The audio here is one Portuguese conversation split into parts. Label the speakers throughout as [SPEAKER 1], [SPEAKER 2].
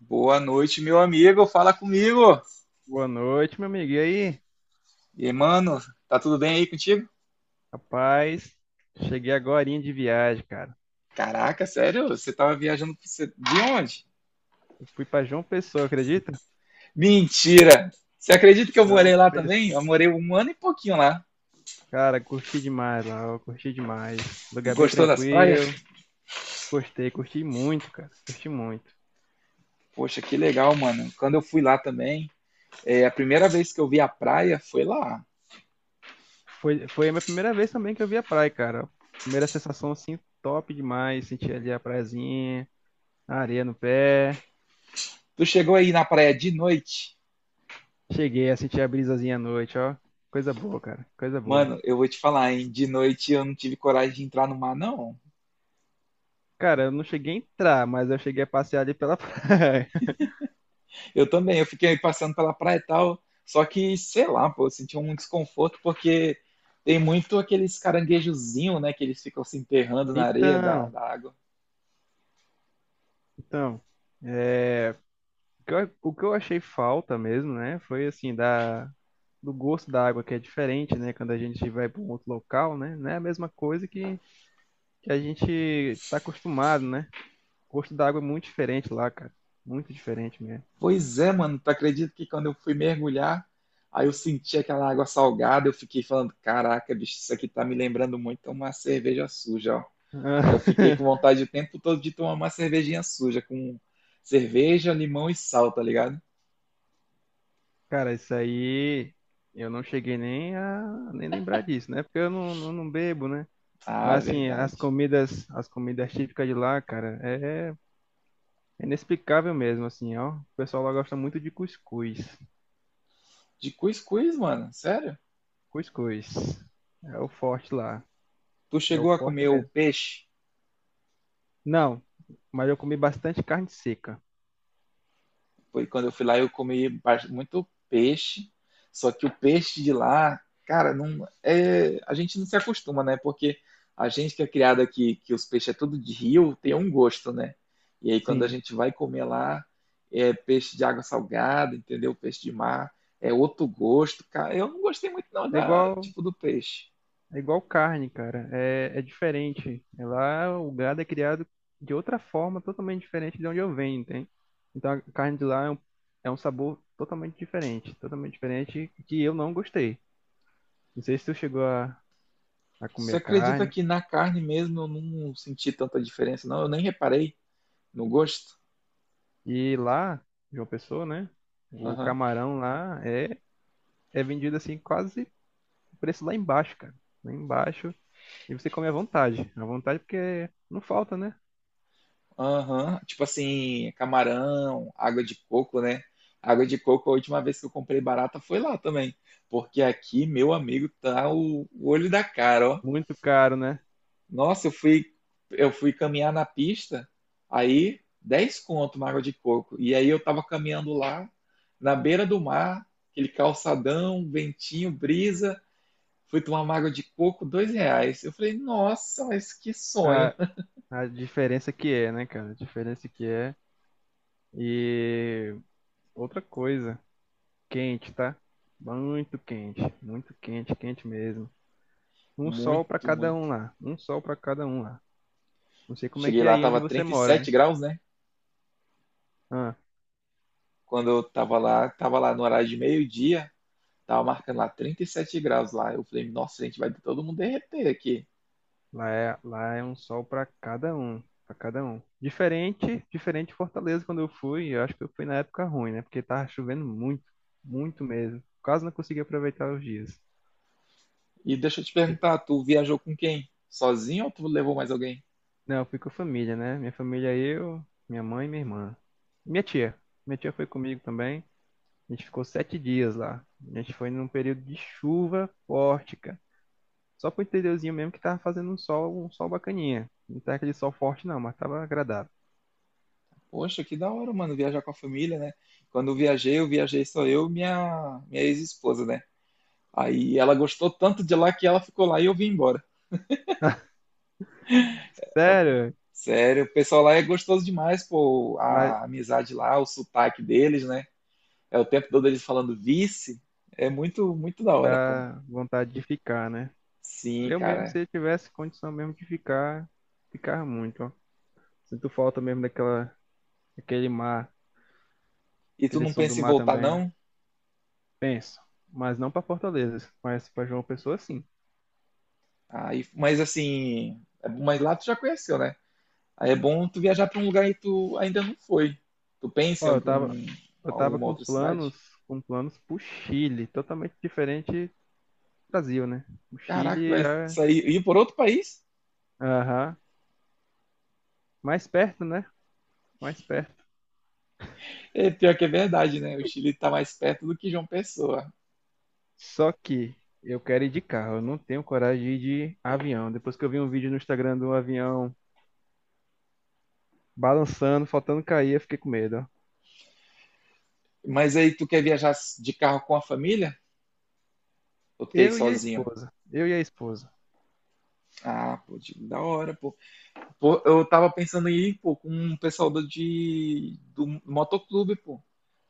[SPEAKER 1] Boa noite, meu amigo. Fala comigo.
[SPEAKER 2] Boa noite, meu amigo. E aí?
[SPEAKER 1] E, mano, tá tudo bem aí contigo?
[SPEAKER 2] Rapaz, cheguei agorinha de viagem, cara.
[SPEAKER 1] Caraca, sério? Você tava viajando de onde?
[SPEAKER 2] Eu fui pra João Pessoa, acredita?
[SPEAKER 1] Mentira! Você acredita que eu
[SPEAKER 2] João
[SPEAKER 1] morei lá também?
[SPEAKER 2] Pessoa.
[SPEAKER 1] Eu morei um ano e pouquinho lá.
[SPEAKER 2] Cara, curti demais lá, ó, curti demais. Lugar bem
[SPEAKER 1] Gostou das praias?
[SPEAKER 2] tranquilo. Gostei, curti muito, cara. Curti muito.
[SPEAKER 1] Poxa, que legal, mano. Quando eu fui lá também, a primeira vez que eu vi a praia foi lá.
[SPEAKER 2] Foi, foi a minha primeira vez também que eu vi a praia, cara. Primeira sensação, assim, top demais. Senti ali a praiazinha, a areia no pé.
[SPEAKER 1] Tu chegou aí na praia de noite?
[SPEAKER 2] Cheguei a sentir a brisazinha à noite, ó. Coisa boa, cara. Coisa boa.
[SPEAKER 1] Mano, eu vou te falar, hein? De noite eu não tive coragem de entrar no mar, não.
[SPEAKER 2] Cara, eu não cheguei a entrar, mas eu cheguei a passear ali pela praia.
[SPEAKER 1] Eu também, eu fiquei passando pela praia e tal, só que, sei lá, pô, eu senti um desconforto porque tem muito aqueles caranguejozinhos, né, que eles ficam se enterrando na areia da,
[SPEAKER 2] Então,
[SPEAKER 1] da água.
[SPEAKER 2] então, é, o que eu achei falta mesmo, né, foi assim, da, do gosto da água que é diferente, né, quando a gente vai para um outro local, né, não é a mesma coisa que a gente está acostumado, né, o gosto da água é muito diferente lá, cara, muito diferente mesmo.
[SPEAKER 1] Pois é, mano, tu acredita que quando eu fui mergulhar, aí eu senti aquela água salgada, eu fiquei falando, caraca, bicho, isso aqui tá me lembrando muito uma cerveja suja, ó. Aí eu
[SPEAKER 2] Ah,
[SPEAKER 1] fiquei com vontade o tempo todo de tomar uma cervejinha suja, com cerveja, limão e sal, tá ligado?
[SPEAKER 2] Cara, isso aí eu não cheguei nem lembrar disso, né, porque eu não bebo, né,
[SPEAKER 1] Ah,
[SPEAKER 2] mas assim, as
[SPEAKER 1] verdade.
[SPEAKER 2] comidas, as comidas típicas de lá, cara, é inexplicável mesmo, assim, ó. O pessoal lá gosta muito de cuscuz.
[SPEAKER 1] De cuscuz, mano, sério?
[SPEAKER 2] Cuscuz. É o forte lá.
[SPEAKER 1] Tu
[SPEAKER 2] É o
[SPEAKER 1] chegou a
[SPEAKER 2] forte
[SPEAKER 1] comer o
[SPEAKER 2] mesmo.
[SPEAKER 1] peixe?
[SPEAKER 2] Não, mas eu comi bastante carne seca.
[SPEAKER 1] Foi quando eu fui lá, eu comi muito peixe. Só que o peixe de lá, cara, não é, a gente não se acostuma, né? Porque a gente que é criado aqui, que os peixes é tudo de rio, tem um gosto, né? E aí quando a
[SPEAKER 2] Sim.
[SPEAKER 1] gente vai comer lá, é peixe de água salgada, entendeu? Peixe de mar é outro gosto, cara. Eu não gostei muito não
[SPEAKER 2] É
[SPEAKER 1] da
[SPEAKER 2] igual,
[SPEAKER 1] tipo do peixe.
[SPEAKER 2] é igual carne, cara. É diferente. Lá o gado é criado de outra forma, totalmente diferente de onde eu venho, entende? Então a carne de lá é um sabor totalmente diferente. Totalmente diferente que eu não gostei. Não sei se tu chegou a comer
[SPEAKER 1] Você
[SPEAKER 2] a
[SPEAKER 1] acredita
[SPEAKER 2] carne.
[SPEAKER 1] que na carne mesmo eu não senti tanta diferença, não? Eu nem reparei no gosto.
[SPEAKER 2] E lá, João Pessoa, né? O camarão é vendido assim quase o preço lá embaixo, cara. Lá embaixo. E você come à vontade. À vontade porque não falta, né?
[SPEAKER 1] Aham, tipo assim, camarão, água de coco, né? Água de coco, a última vez que eu comprei barata foi lá também. Porque aqui, meu amigo, tá o olho da cara, ó.
[SPEAKER 2] Muito caro, né?
[SPEAKER 1] Nossa, eu fui caminhar na pista, aí 10 conto uma água de coco. E aí eu tava caminhando lá, na beira do mar, aquele calçadão, ventinho, brisa. Fui tomar uma água de coco, R$ 2. Eu falei, nossa, mas que sonho.
[SPEAKER 2] A, a diferença que é, né, cara? A diferença que é. E outra coisa, quente, tá? Muito quente. Muito quente, quente mesmo. Um sol pra
[SPEAKER 1] Muito,
[SPEAKER 2] cada
[SPEAKER 1] muito.
[SPEAKER 2] um lá. Um sol pra cada um lá. Não sei como é
[SPEAKER 1] Cheguei
[SPEAKER 2] que é
[SPEAKER 1] lá,
[SPEAKER 2] aí onde
[SPEAKER 1] tava
[SPEAKER 2] você
[SPEAKER 1] trinta e
[SPEAKER 2] mora,
[SPEAKER 1] sete
[SPEAKER 2] né?
[SPEAKER 1] graus, né?
[SPEAKER 2] Ah.
[SPEAKER 1] Quando eu tava lá no horário de meio-dia, tava marcando lá 37 graus lá. Eu falei, nossa, gente, vai todo mundo derreter aqui.
[SPEAKER 2] Lá é um sol para cada um, para cada um. Diferente, diferente de Fortaleza quando eu fui, eu acho que eu fui na época ruim, né? Porque tava chovendo muito, muito mesmo. Quase não consegui aproveitar os dias.
[SPEAKER 1] E deixa eu te perguntar, tu viajou com quem? Sozinho ou tu levou mais alguém?
[SPEAKER 2] Não, eu fui com a família, né? Minha família, eu, minha mãe e minha irmã. Minha tia. Minha tia foi comigo também. A gente ficou 7 dias lá. A gente foi num período de chuva forte, cara. Só pro interiorzinho mesmo que tava fazendo um sol bacaninha. Não tá aquele sol forte não, mas tava agradável.
[SPEAKER 1] Poxa, que da hora, mano, viajar com a família, né? Quando eu viajei só eu e minha ex-esposa, né? Aí ela gostou tanto de lá que ela ficou lá e eu vim embora.
[SPEAKER 2] Sério?
[SPEAKER 1] Sério, o pessoal lá é gostoso demais, pô,
[SPEAKER 2] Mas
[SPEAKER 1] a amizade lá, o sotaque deles, né? É o tempo todo eles falando vice, é muito, muito da hora, pô.
[SPEAKER 2] dá vontade de ficar, né?
[SPEAKER 1] Sim,
[SPEAKER 2] Eu mesmo, se
[SPEAKER 1] cara.
[SPEAKER 2] eu tivesse condição mesmo de ficar, ficar muito, ó. Sinto falta mesmo daquela, daquele mar,
[SPEAKER 1] E tu
[SPEAKER 2] aquele
[SPEAKER 1] não
[SPEAKER 2] som do
[SPEAKER 1] pensa em
[SPEAKER 2] mar
[SPEAKER 1] voltar,
[SPEAKER 2] também.
[SPEAKER 1] não?
[SPEAKER 2] Penso, mas não para Fortaleza, mas para João Pessoa, sim.
[SPEAKER 1] Aí, mas assim, é bom, mas lá tu já conheceu, né? Aí é bom tu viajar pra um lugar e tu ainda não foi. Tu pensa em
[SPEAKER 2] Ó, eu tava, eu tava
[SPEAKER 1] alguma
[SPEAKER 2] com
[SPEAKER 1] outra cidade?
[SPEAKER 2] com planos pro Chile, totalmente diferente do Brasil, né? O
[SPEAKER 1] Caraca,
[SPEAKER 2] Chile
[SPEAKER 1] tu vai
[SPEAKER 2] é,
[SPEAKER 1] sair ir por outro país?
[SPEAKER 2] aham, mais perto, né? Mais perto.
[SPEAKER 1] É, pior que é verdade, né? O Chile tá mais perto do que João Pessoa.
[SPEAKER 2] Só que eu quero ir de carro, eu não tenho coragem de ir de avião. Depois que eu vi um vídeo no Instagram do avião balançando, faltando cair, eu fiquei com medo.
[SPEAKER 1] Mas aí tu quer viajar de carro com a família? Ou tu quer ir
[SPEAKER 2] Eu e a
[SPEAKER 1] sozinho?
[SPEAKER 2] esposa. Eu e a esposa.
[SPEAKER 1] Ah, pô, da hora, pô. Pô, eu tava pensando em ir, pô, com um pessoal do motoclube, pô.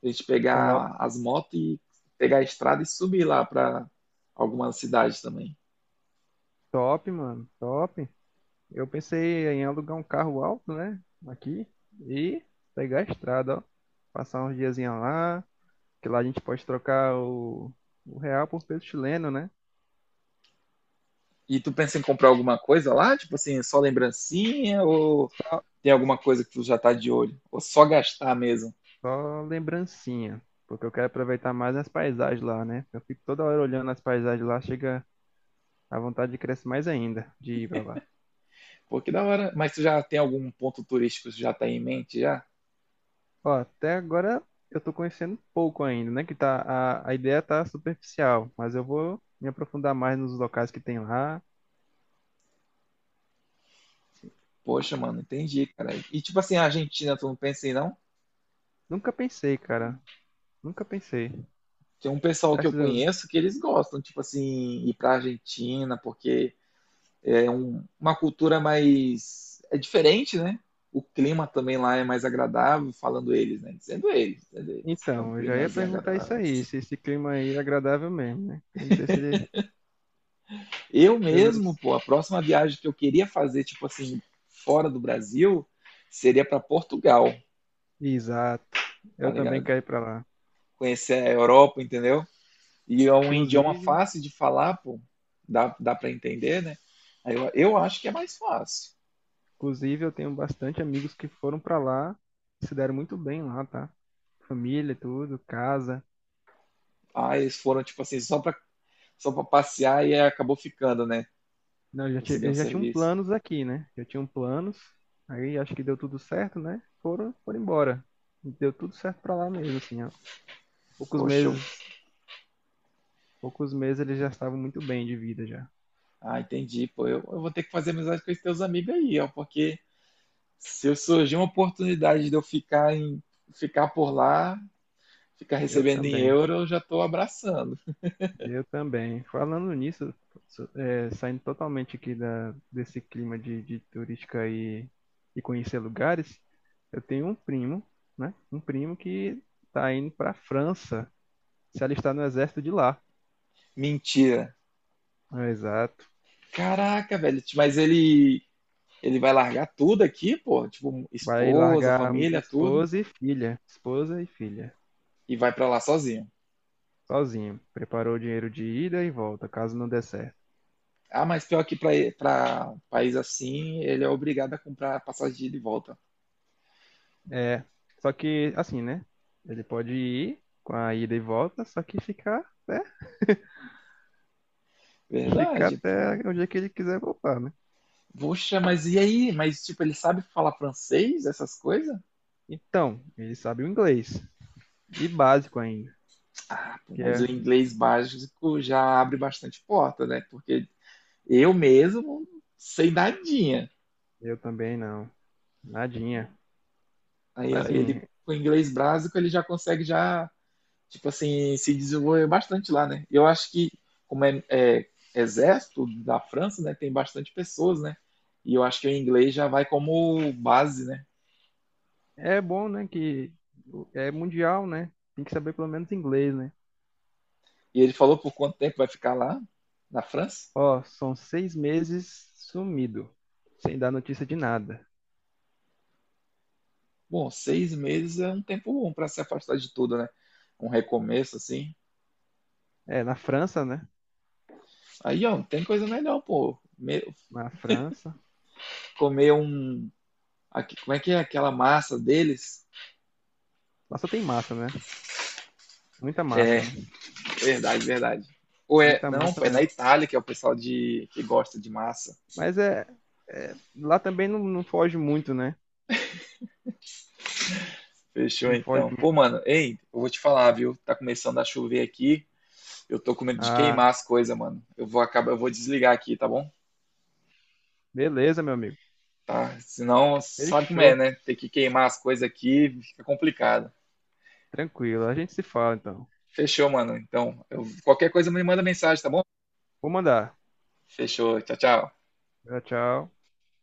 [SPEAKER 1] A gente
[SPEAKER 2] Top,
[SPEAKER 1] pegar as motos e pegar a estrada e subir lá pra algumas cidades também.
[SPEAKER 2] top, mano. Top. Eu pensei em alugar um carro alto, né? Aqui. E pegar a estrada, ó. Passar uns diazinhos lá. Que lá a gente pode trocar o real por peso chileno, né?
[SPEAKER 1] E tu pensa em comprar alguma coisa lá? Tipo assim, só lembrancinha? Ou
[SPEAKER 2] Só,
[SPEAKER 1] tem alguma coisa que tu já tá de olho? Ou só gastar mesmo?
[SPEAKER 2] só lembrancinha. Porque eu quero aproveitar mais as paisagens lá, né? Eu fico toda hora olhando as paisagens lá. Chega a vontade de crescer mais ainda. De ir pra lá.
[SPEAKER 1] Pô, que da hora. Mas tu já tem algum ponto turístico que tu já tá em mente já?
[SPEAKER 2] Ó, até agora eu tô conhecendo pouco ainda, né? Que tá, a ideia tá superficial, mas eu vou me aprofundar mais nos locais que tem lá.
[SPEAKER 1] Poxa, mano, entendi, cara. E tipo assim, a Argentina, tu não pensa em não?
[SPEAKER 2] Nunca pensei, cara. Nunca pensei.
[SPEAKER 1] Tem um pessoal
[SPEAKER 2] Tá
[SPEAKER 1] que eu
[SPEAKER 2] sido-
[SPEAKER 1] conheço que eles gostam, tipo assim, ir pra Argentina, porque uma cultura mais. É diferente, né? O clima também lá é mais agradável, falando eles, né? Dizendo eles, que é um
[SPEAKER 2] Então, eu já ia
[SPEAKER 1] climazinho
[SPEAKER 2] perguntar isso
[SPEAKER 1] agradável.
[SPEAKER 2] aí, se esse clima aí é agradável mesmo, né? Eu não sei se ele...
[SPEAKER 1] Eu mesmo,
[SPEAKER 2] Pelos...
[SPEAKER 1] pô, a próxima viagem que eu queria fazer, tipo assim, fora do Brasil, seria para Portugal,
[SPEAKER 2] Exato.
[SPEAKER 1] tá
[SPEAKER 2] Eu também
[SPEAKER 1] ligado?
[SPEAKER 2] quero ir pra lá.
[SPEAKER 1] Conhecer a Europa, entendeu? E é um idioma
[SPEAKER 2] Inclusive,
[SPEAKER 1] fácil de falar, pô, dá para entender, né? Aí eu acho que é mais fácil.
[SPEAKER 2] inclusive, eu tenho bastante amigos que foram pra lá, se deram muito bem lá, tá? Família, tudo, casa.
[SPEAKER 1] Ah, eles foram, tipo assim, só pra passear e aí acabou ficando, né?
[SPEAKER 2] Não, já tinha,
[SPEAKER 1] Conseguiu um
[SPEAKER 2] eles já tinham
[SPEAKER 1] serviço.
[SPEAKER 2] planos aqui, né? Já tinham planos. Aí acho que deu tudo certo, né? Foram embora. Deu tudo certo pra lá mesmo, assim. Ó. Poucos
[SPEAKER 1] Poxa,
[SPEAKER 2] meses, poucos meses eles já estavam muito bem de vida já.
[SPEAKER 1] ah, entendi, pô. Eu vou ter que fazer amizade com esses teus amigos aí, ó, porque se eu surgir uma oportunidade de eu ficar por lá, ficar
[SPEAKER 2] Eu
[SPEAKER 1] recebendo em
[SPEAKER 2] também,
[SPEAKER 1] euro, eu já tô abraçando.
[SPEAKER 2] eu também. Falando nisso, saindo totalmente aqui da, desse clima de turística e conhecer lugares, eu tenho um primo, né? Um primo que tá indo pra França, se alistar no exército de lá.
[SPEAKER 1] Mentira.
[SPEAKER 2] É, exato.
[SPEAKER 1] Caraca, velho, mas ele vai largar tudo aqui, pô, tipo,
[SPEAKER 2] Vai
[SPEAKER 1] esposa,
[SPEAKER 2] largar
[SPEAKER 1] família, tudo,
[SPEAKER 2] esposa e filha. Esposa e filha.
[SPEAKER 1] e vai pra lá sozinho.
[SPEAKER 2] Sozinho. Preparou o dinheiro de ida e volta, caso não der certo.
[SPEAKER 1] Ah, mas pior que para país assim, ele é obrigado a comprar passagem de ida e volta.
[SPEAKER 2] É. Só que, assim, né? Ele pode ir com a ida e volta, só que ficar, né? Ficar
[SPEAKER 1] Verdade, pô.
[SPEAKER 2] até o dia que ele quiser voltar, né?
[SPEAKER 1] Poxa, mas e aí? Mas, tipo, ele sabe falar francês, essas coisas?
[SPEAKER 2] Então, ele sabe o inglês. E básico ainda.
[SPEAKER 1] Ah, pô,
[SPEAKER 2] Que
[SPEAKER 1] mas
[SPEAKER 2] é,
[SPEAKER 1] o inglês básico já abre bastante porta, né? Porque eu mesmo sei nadinha.
[SPEAKER 2] eu também não. Nadinha.
[SPEAKER 1] Aí, ó,
[SPEAKER 2] Mas,
[SPEAKER 1] ele
[SPEAKER 2] assim,
[SPEAKER 1] com o inglês básico, ele já consegue já tipo assim, se desenvolveu bastante lá, né? Eu acho que, como é, é exército da França, né, tem bastante pessoas, né? E eu acho que o inglês já vai como base, né?
[SPEAKER 2] é bom, né? Que é mundial, né? Tem que saber pelo menos inglês, né?
[SPEAKER 1] E ele falou por quanto tempo vai ficar lá, na França?
[SPEAKER 2] Ó, são 6 meses sumido, sem dar notícia de nada.
[SPEAKER 1] Bom, 6 meses é um tempo bom para se afastar de tudo, né? Um recomeço, assim.
[SPEAKER 2] É, na França, né?
[SPEAKER 1] Aí, ó, tem coisa melhor, pô.
[SPEAKER 2] Na França.
[SPEAKER 1] Comer um. Como é que é aquela massa deles?
[SPEAKER 2] Lá só tem massa, né? Muita
[SPEAKER 1] É,
[SPEAKER 2] massa, né?
[SPEAKER 1] verdade, verdade. Ou é.
[SPEAKER 2] Muita
[SPEAKER 1] Não,
[SPEAKER 2] massa
[SPEAKER 1] pô, é na
[SPEAKER 2] mesmo.
[SPEAKER 1] Itália que é o pessoal que gosta de massa.
[SPEAKER 2] Mas lá também não foge muito, né?
[SPEAKER 1] Fechou
[SPEAKER 2] Não foge
[SPEAKER 1] então.
[SPEAKER 2] muito.
[SPEAKER 1] Pô, mano, ei, eu vou te falar, viu? Tá começando a chover aqui. Eu tô com medo de
[SPEAKER 2] Ah,
[SPEAKER 1] queimar as coisas, mano. Eu vou desligar aqui, tá bom?
[SPEAKER 2] beleza, meu amigo.
[SPEAKER 1] Tá. Senão, sabe como é,
[SPEAKER 2] Fechou.
[SPEAKER 1] né? Ter que queimar as coisas aqui fica complicado.
[SPEAKER 2] Tranquilo. A gente se fala então.
[SPEAKER 1] Fechou, mano. Então, qualquer coisa me manda mensagem, tá bom?
[SPEAKER 2] Vou mandar.
[SPEAKER 1] Fechou. Tchau, tchau.
[SPEAKER 2] Tchau, tchau.